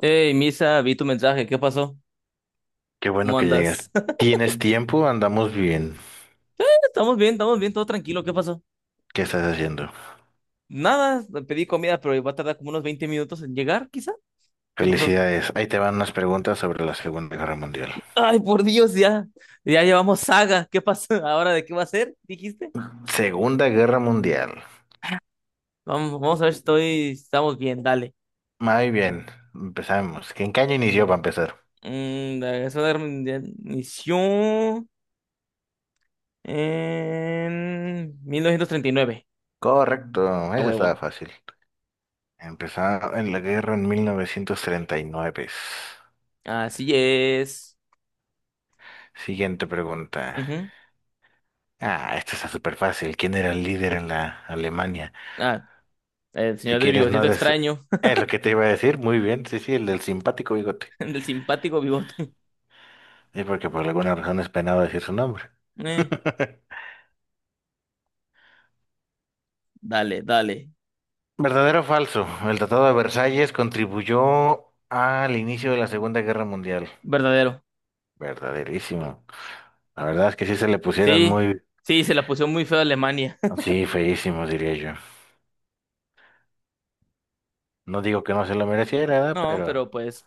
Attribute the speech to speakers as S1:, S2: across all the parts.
S1: Hey, Misa, vi tu mensaje, ¿qué pasó?
S2: Qué bueno
S1: ¿Cómo
S2: que llegas.
S1: andas?
S2: ¿Tienes tiempo? Andamos bien.
S1: Estamos bien, todo tranquilo, ¿qué pasó?
S2: ¿Qué estás haciendo?
S1: Nada, pedí comida, pero va a tardar como unos 20 minutos en llegar, quizá. ¿Qué pasó?
S2: Felicidades. Ahí te van unas preguntas sobre la Segunda Guerra Mundial.
S1: Ay, por Dios, ya, ya llevamos saga, ¿qué pasó? ¿Ahora de qué va a ser? ¿Dijiste?
S2: Segunda Guerra Mundial.
S1: Vamos, vamos a ver si estoy, estamos bien, dale.
S2: Muy bien. Empezamos. ¿En qué año inició para empezar?
S1: La Segunda Guerra Mundial inició en 1939
S2: Correcto.
S1: a
S2: Eso estaba
S1: huevo.
S2: fácil. Empezó en la guerra en 1939.
S1: Así es.
S2: Siguiente pregunta.
S1: Ujú.
S2: Ah, esta está súper fácil. ¿Quién era el líder en la Alemania?
S1: Ah, el
S2: Si
S1: señor del
S2: quieres, no
S1: bigotito
S2: des...
S1: extraño,
S2: Es lo que te iba a decir. Muy bien. Sí, sí, el del simpático bigote.
S1: del simpático bigote.
S2: Sí, porque por alguna razón es penado decir su nombre.
S1: Eh, Dale, dale.
S2: ¿Verdadero o falso? El Tratado de Versalles contribuyó al inicio de la Segunda Guerra Mundial.
S1: Verdadero.
S2: Verdaderísimo. La verdad es que sí se le pusieron
S1: Sí,
S2: muy...
S1: sí, se la puso muy feo a Alemania.
S2: Sí, feísimos, diría yo. No digo que no se lo mereciera, ¿verdad?
S1: No,
S2: Pero
S1: pero pues,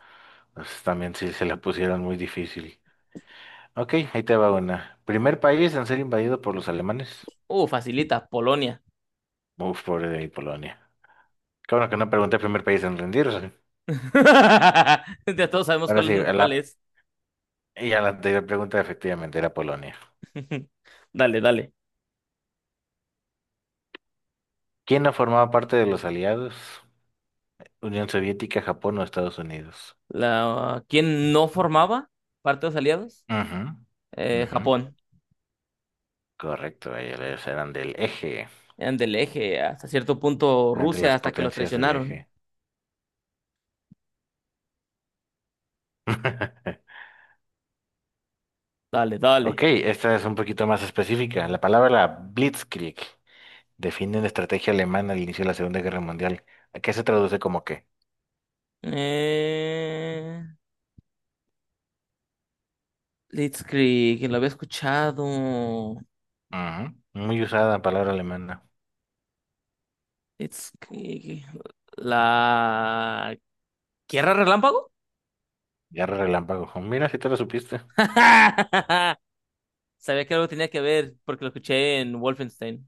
S2: pues, también sí se la pusieron muy difícil. Ok, ahí te va una. Primer país en ser invadido por los alemanes.
S1: facilita, Polonia.
S2: Uf, pobre de mi Polonia. Qué bueno que no pregunté primer país en rendirse.
S1: Ya todos sabemos
S2: Ahora sí,
S1: cuál
S2: la
S1: es.
S2: y a la anterior pregunta efectivamente era Polonia.
S1: Dale, dale.
S2: ¿Quién no formaba parte de los aliados? Unión Soviética, Japón o Estados Unidos.
S1: ¿Quién no formaba parte de los aliados?
S2: Ujú, ujú.
S1: Japón.
S2: Correcto, ellos eran del eje,
S1: Eran del eje, hasta cierto punto
S2: eran de
S1: Rusia,
S2: las
S1: hasta que los
S2: potencias del
S1: traicionaron.
S2: eje.
S1: Dale, dale.
S2: Ok, esta es un poquito más específica. La palabra Blitzkrieg define una estrategia alemana al inicio de la Segunda Guerra Mundial. ¿A qué se traduce como qué?
S1: Eh, Blitzkrieg, lo había escuchado.
S2: Ujú, muy usada palabra alemana.
S1: Blitzkrieg. La ¿Tierra Relámpago?
S2: Guerra relámpago. Mira, si te lo supiste.
S1: Sabía que algo tenía que ver porque lo escuché en Wolfenstein.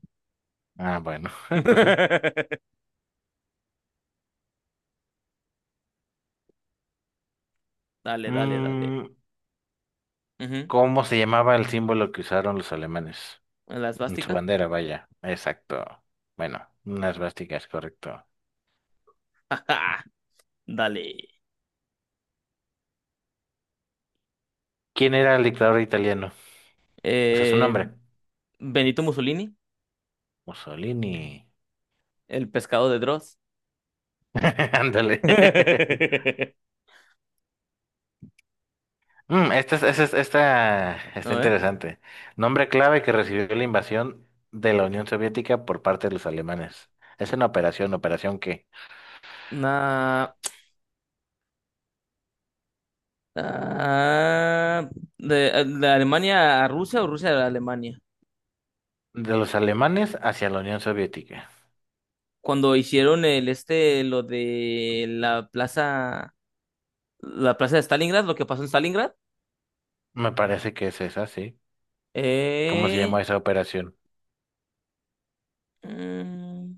S2: Ah, bueno, pues sí.
S1: Dale, dale, dale.
S2: Mm,
S1: Ujú.
S2: ¿Cómo se llamaba el símbolo que usaron los alemanes?
S1: La
S2: En su
S1: esvástica.
S2: bandera, vaya. Exacto. Bueno, unas vásticas, correcto.
S1: Ajá. Dale.
S2: ¿Quién era el dictador italiano? O sea, su
S1: Eh,
S2: nombre.
S1: Benito Mussolini,
S2: Mussolini.
S1: el pescado de Dross.
S2: Ándale.
S1: A
S2: Mm, esta está
S1: ver.
S2: interesante. Nombre clave que recibió la invasión de la Unión Soviética por parte de los alemanes. Es una operación, ¿operación qué?
S1: Na- ah, de, de Alemania a Rusia o Rusia a Alemania.
S2: De los alemanes hacia la Unión Soviética.
S1: Cuando hicieron el este, lo de la plaza de Stalingrad, lo que pasó en Stalingrad.
S2: Me parece que es esa, sí. ¿Cómo se llamó
S1: Eh,
S2: esa operación?
S1: mm,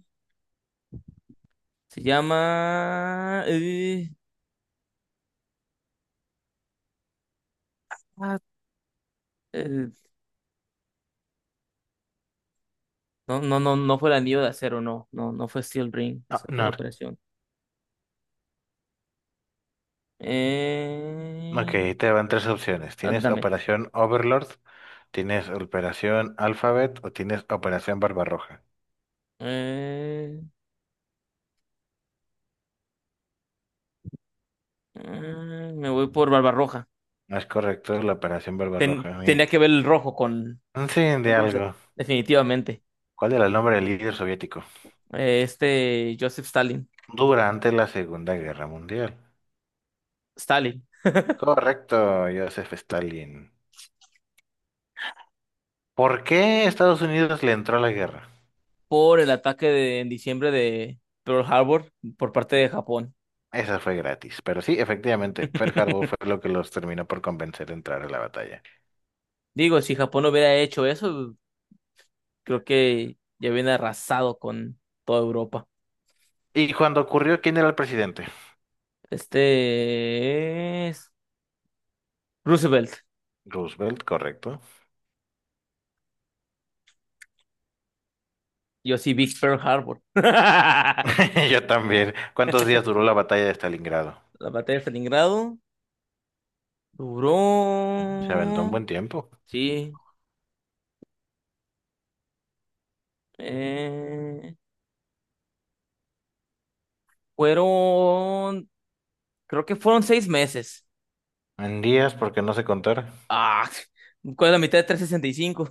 S1: Se llama. Ah, eh, no, no, no, no fue el anillo de acero, no. No, no fue Steel Ring.
S2: Ah,
S1: Esa fue la
S2: no.
S1: operación.
S2: Ok,
S1: Eh,
S2: te van tres opciones. Tienes
S1: Ándame.
S2: Operación Overlord, tienes Operación Alphabet o tienes Operación Barbarroja.
S1: Eh, Me voy por Barbarroja.
S2: No es correcto, es la Operación
S1: Ten-
S2: Barbarroja.
S1: tenía
S2: Mire.
S1: que ver el rojo con,
S2: Un fin de
S1: con Rusia,
S2: algo.
S1: definitivamente.
S2: ¿Cuál era el nombre del líder soviético?
S1: Joseph Stalin.
S2: Durante la Segunda Guerra Mundial.
S1: Stalin.
S2: Correcto, Joseph Stalin. ¿Por qué Estados Unidos le entró a la guerra?
S1: Por el ataque de, en diciembre de Pearl Harbor por parte de Japón.
S2: Esa fue gratis, pero sí, efectivamente, Pearl Harbor fue lo que los terminó por convencer de entrar a la batalla.
S1: Digo, si Japón hubiera hecho eso. Creo que ya viene arrasado con toda Europa.
S2: ¿Y cuando ocurrió, quién era el presidente?
S1: Este es Roosevelt.
S2: Roosevelt, correcto.
S1: Yo sí, Big Pearl Harbor. La
S2: Yo también. ¿Cuántos días duró la batalla de Stalingrado?
S1: batalla de Stalingrado
S2: Se aventó un
S1: duró.
S2: buen tiempo.
S1: Sí. eh, Fueron. Creo que fueron 6 meses.
S2: En días, porque no sé contar.
S1: Ah, ¿cuál es la mitad de 365?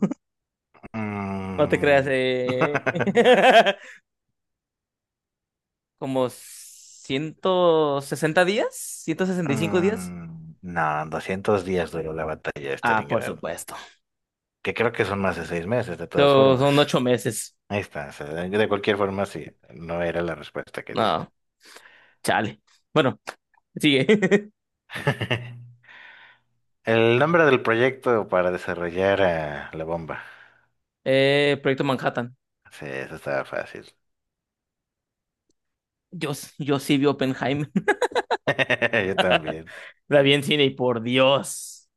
S1: No te creas.
S2: Mm.
S1: Como 160 días, 165 días.
S2: Mm, no, 200 días duró la batalla de
S1: Ah, por
S2: Stalingrado.
S1: supuesto.
S2: Que creo que son más de 6 meses, de todas
S1: So,
S2: formas.
S1: son 8 meses.
S2: Ahí está. O sea, de cualquier forma, sí. No era la respuesta que diste.
S1: No, chale. Bueno, sigue.
S2: El nombre del proyecto para desarrollar la bomba.
S1: Proyecto Manhattan.
S2: Sí, eso estaba fácil.
S1: Yo, yo sí vi Oppenheimer.
S2: Yo también.
S1: La vi en cine y por Dios.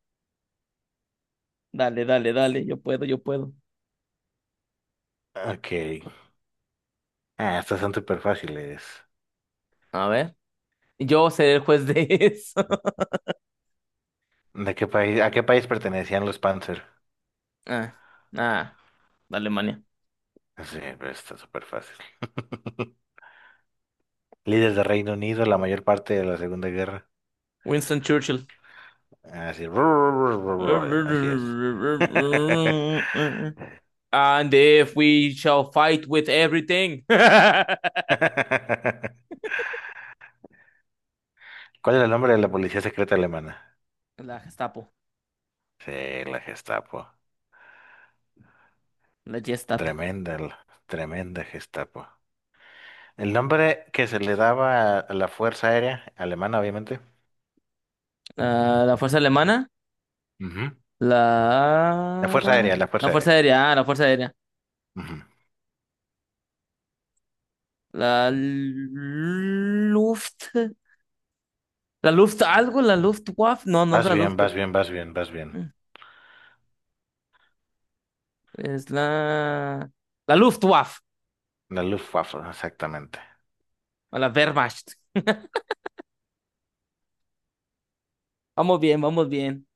S1: Dale, dale, dale. Yo puedo, yo puedo.
S2: Ok. Ah, estas son súper fáciles.
S1: A ver. Yo seré el juez de eso.
S2: ¿De qué país, a qué país pertenecían los Panzer?
S1: Ah, ah, Alemania.
S2: Sí, pero está súper fácil. Líderes de Reino Unido, la mayor parte de la Segunda Guerra.
S1: Winston Churchill.
S2: Así, así es.
S1: And if we shall fight with everything. La
S2: ¿Cuál era el nombre de la policía secreta alemana?
S1: Gestapo.
S2: Sí, la Gestapo.
S1: La Gestapo.
S2: Tremenda, tremenda Gestapo. El nombre que se le daba a la Fuerza Aérea Alemana, obviamente.
S1: Ah, la fuerza alemana.
S2: Ujú. La
S1: La...
S2: Fuerza Aérea, la
S1: La
S2: Fuerza
S1: Fuerza
S2: Aérea.
S1: Aérea, la Fuerza Aérea.
S2: Ujú.
S1: La Luft... La Luft algo, la Luftwaffe. No, no es
S2: Vas
S1: la Luft.
S2: bien, vas bien, vas bien, vas bien.
S1: Es la... La Luftwaffe.
S2: La Luftwaffe, exactamente.
S1: O la Wehrmacht. Vamos bien, vamos bien.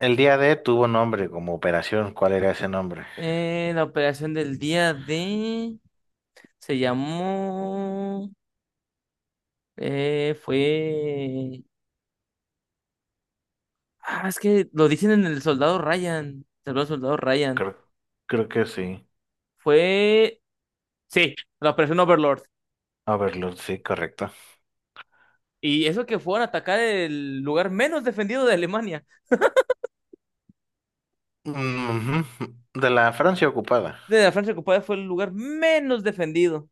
S2: El día D tuvo nombre como operación. ¿Cuál era ese nombre?
S1: La operación del día de... Se llamó... Fue... Ah, es que lo dicen en el Soldado Ryan. El Soldado Ryan.
S2: Creo, creo que sí.
S1: Fue... Sí, la operación Overlord.
S2: Overlord, sí, correcto.
S1: Y eso que fueron a atacar el lugar menos defendido de Alemania.
S2: Ujú. De la Francia ocupada.
S1: De la Francia ocupada fue el lugar menos defendido.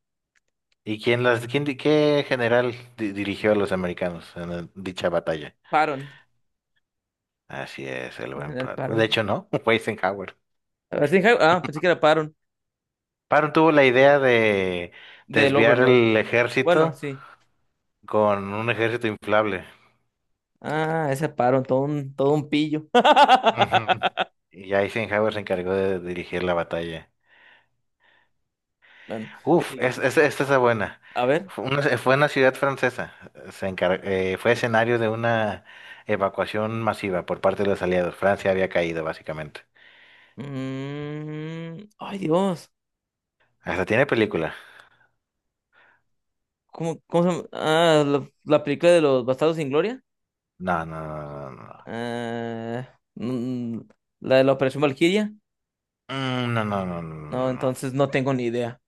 S2: ¿Y quién las, qué general dirigió a los americanos en dicha batalla?
S1: Paron.
S2: Así es, el
S1: En
S2: buen
S1: general,
S2: Patton. De
S1: Paron.
S2: hecho, no, fue Eisenhower.
S1: A ver si- Ah, pensé que era Paron.
S2: Patton tuvo la idea de
S1: Del
S2: desviar
S1: Overlord.
S2: el
S1: Bueno,
S2: ejército
S1: sí.
S2: con un ejército inflable.
S1: Ah, ese Paron, todo un pillo.
S2: Ujú. Y ya Eisenhower se encargó de dirigir la batalla.
S1: Bueno, ¿qué
S2: Uf,
S1: sigue?
S2: es,
S1: ¿Qué sigue?
S2: esta es la buena.
S1: A ver.
S2: Fue una ciudad francesa. Fue escenario de una evacuación masiva por parte de los aliados. Francia había caído, básicamente.
S1: Ay, Dios.
S2: Hasta tiene película.
S1: ¿Cómo se llama? Ah, la película de los Bastardos sin Gloria.
S2: No, no, no, no, no. No.
S1: Ah, la de la Operación Valquiria.
S2: Mm, no, no, no, no, no,
S1: No,
S2: no.
S1: entonces no tengo ni idea.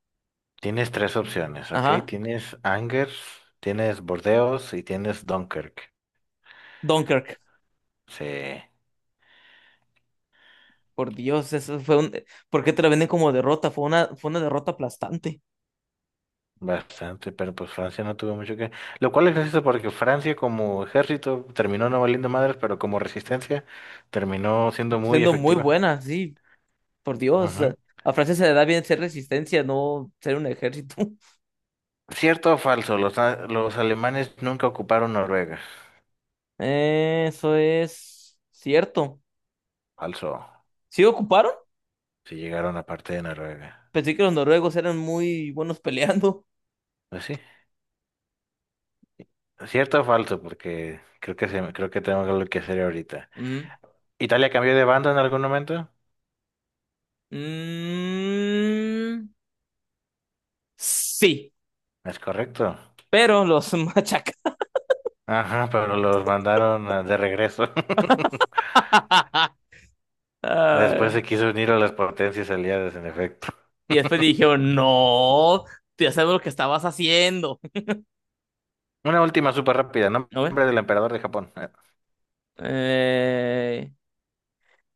S2: Tienes tres opciones, ¿ok?
S1: Ajá.
S2: Tienes Angers, tienes Bordeaux y tienes Dunkirk.
S1: Dunkirk,
S2: Sí.
S1: por Dios. ¿Por qué te la venden como derrota? Fue una derrota aplastante,
S2: Bastante, pero pues Francia no tuvo mucho que... Lo cual es gracioso porque Francia como ejército terminó no valiendo madres, pero como resistencia terminó siendo muy
S1: siendo muy
S2: efectiva.
S1: buena, sí, por Dios.
S2: Ujú.
S1: A Francia se le da bien ser resistencia, no ser un ejército.
S2: ¿Cierto o falso? Los, los alemanes nunca ocuparon Noruega.
S1: Eso es cierto.
S2: Falso.
S1: ¿Sí ocuparon?
S2: Si llegaron a parte de Noruega.
S1: Pensé que los noruegos eran muy buenos peleando.
S2: Pues sí. ¿Cierto o falso? Porque creo que se, creo que tengo algo que hacer ahorita.
S1: Mm.
S2: ¿Italia cambió de bando en algún momento?
S1: Mm, sí,
S2: Es correcto.
S1: pero los machaca.
S2: Ajá, pero los de regreso. Después
S1: Ah,
S2: se quiso unir a las potencias aliadas, en efecto.
S1: y después dijeron, no, ya sabemos lo que estabas haciendo.
S2: Una última súper rápida.
S1: A ver.
S2: Nombre del emperador de Japón.
S1: Eh,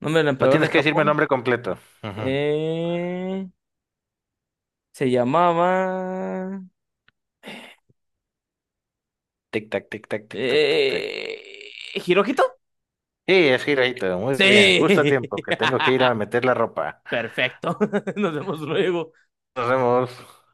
S1: Nombre del
S2: No
S1: emperador de
S2: tienes que decirme el
S1: Japón.
S2: nombre completo. Ujú.
S1: Eh, Se llamaba.
S2: Tic, tac, tic, tac, tic, tac, tic, tac.
S1: Eh, ¿Hirohito?
S2: Sí, es Hirohito. Muy bien.
S1: Sí.
S2: Justo a tiempo, que tengo que ir a meter la ropa.
S1: Perfecto. Nos vemos luego.
S2: Nos vemos.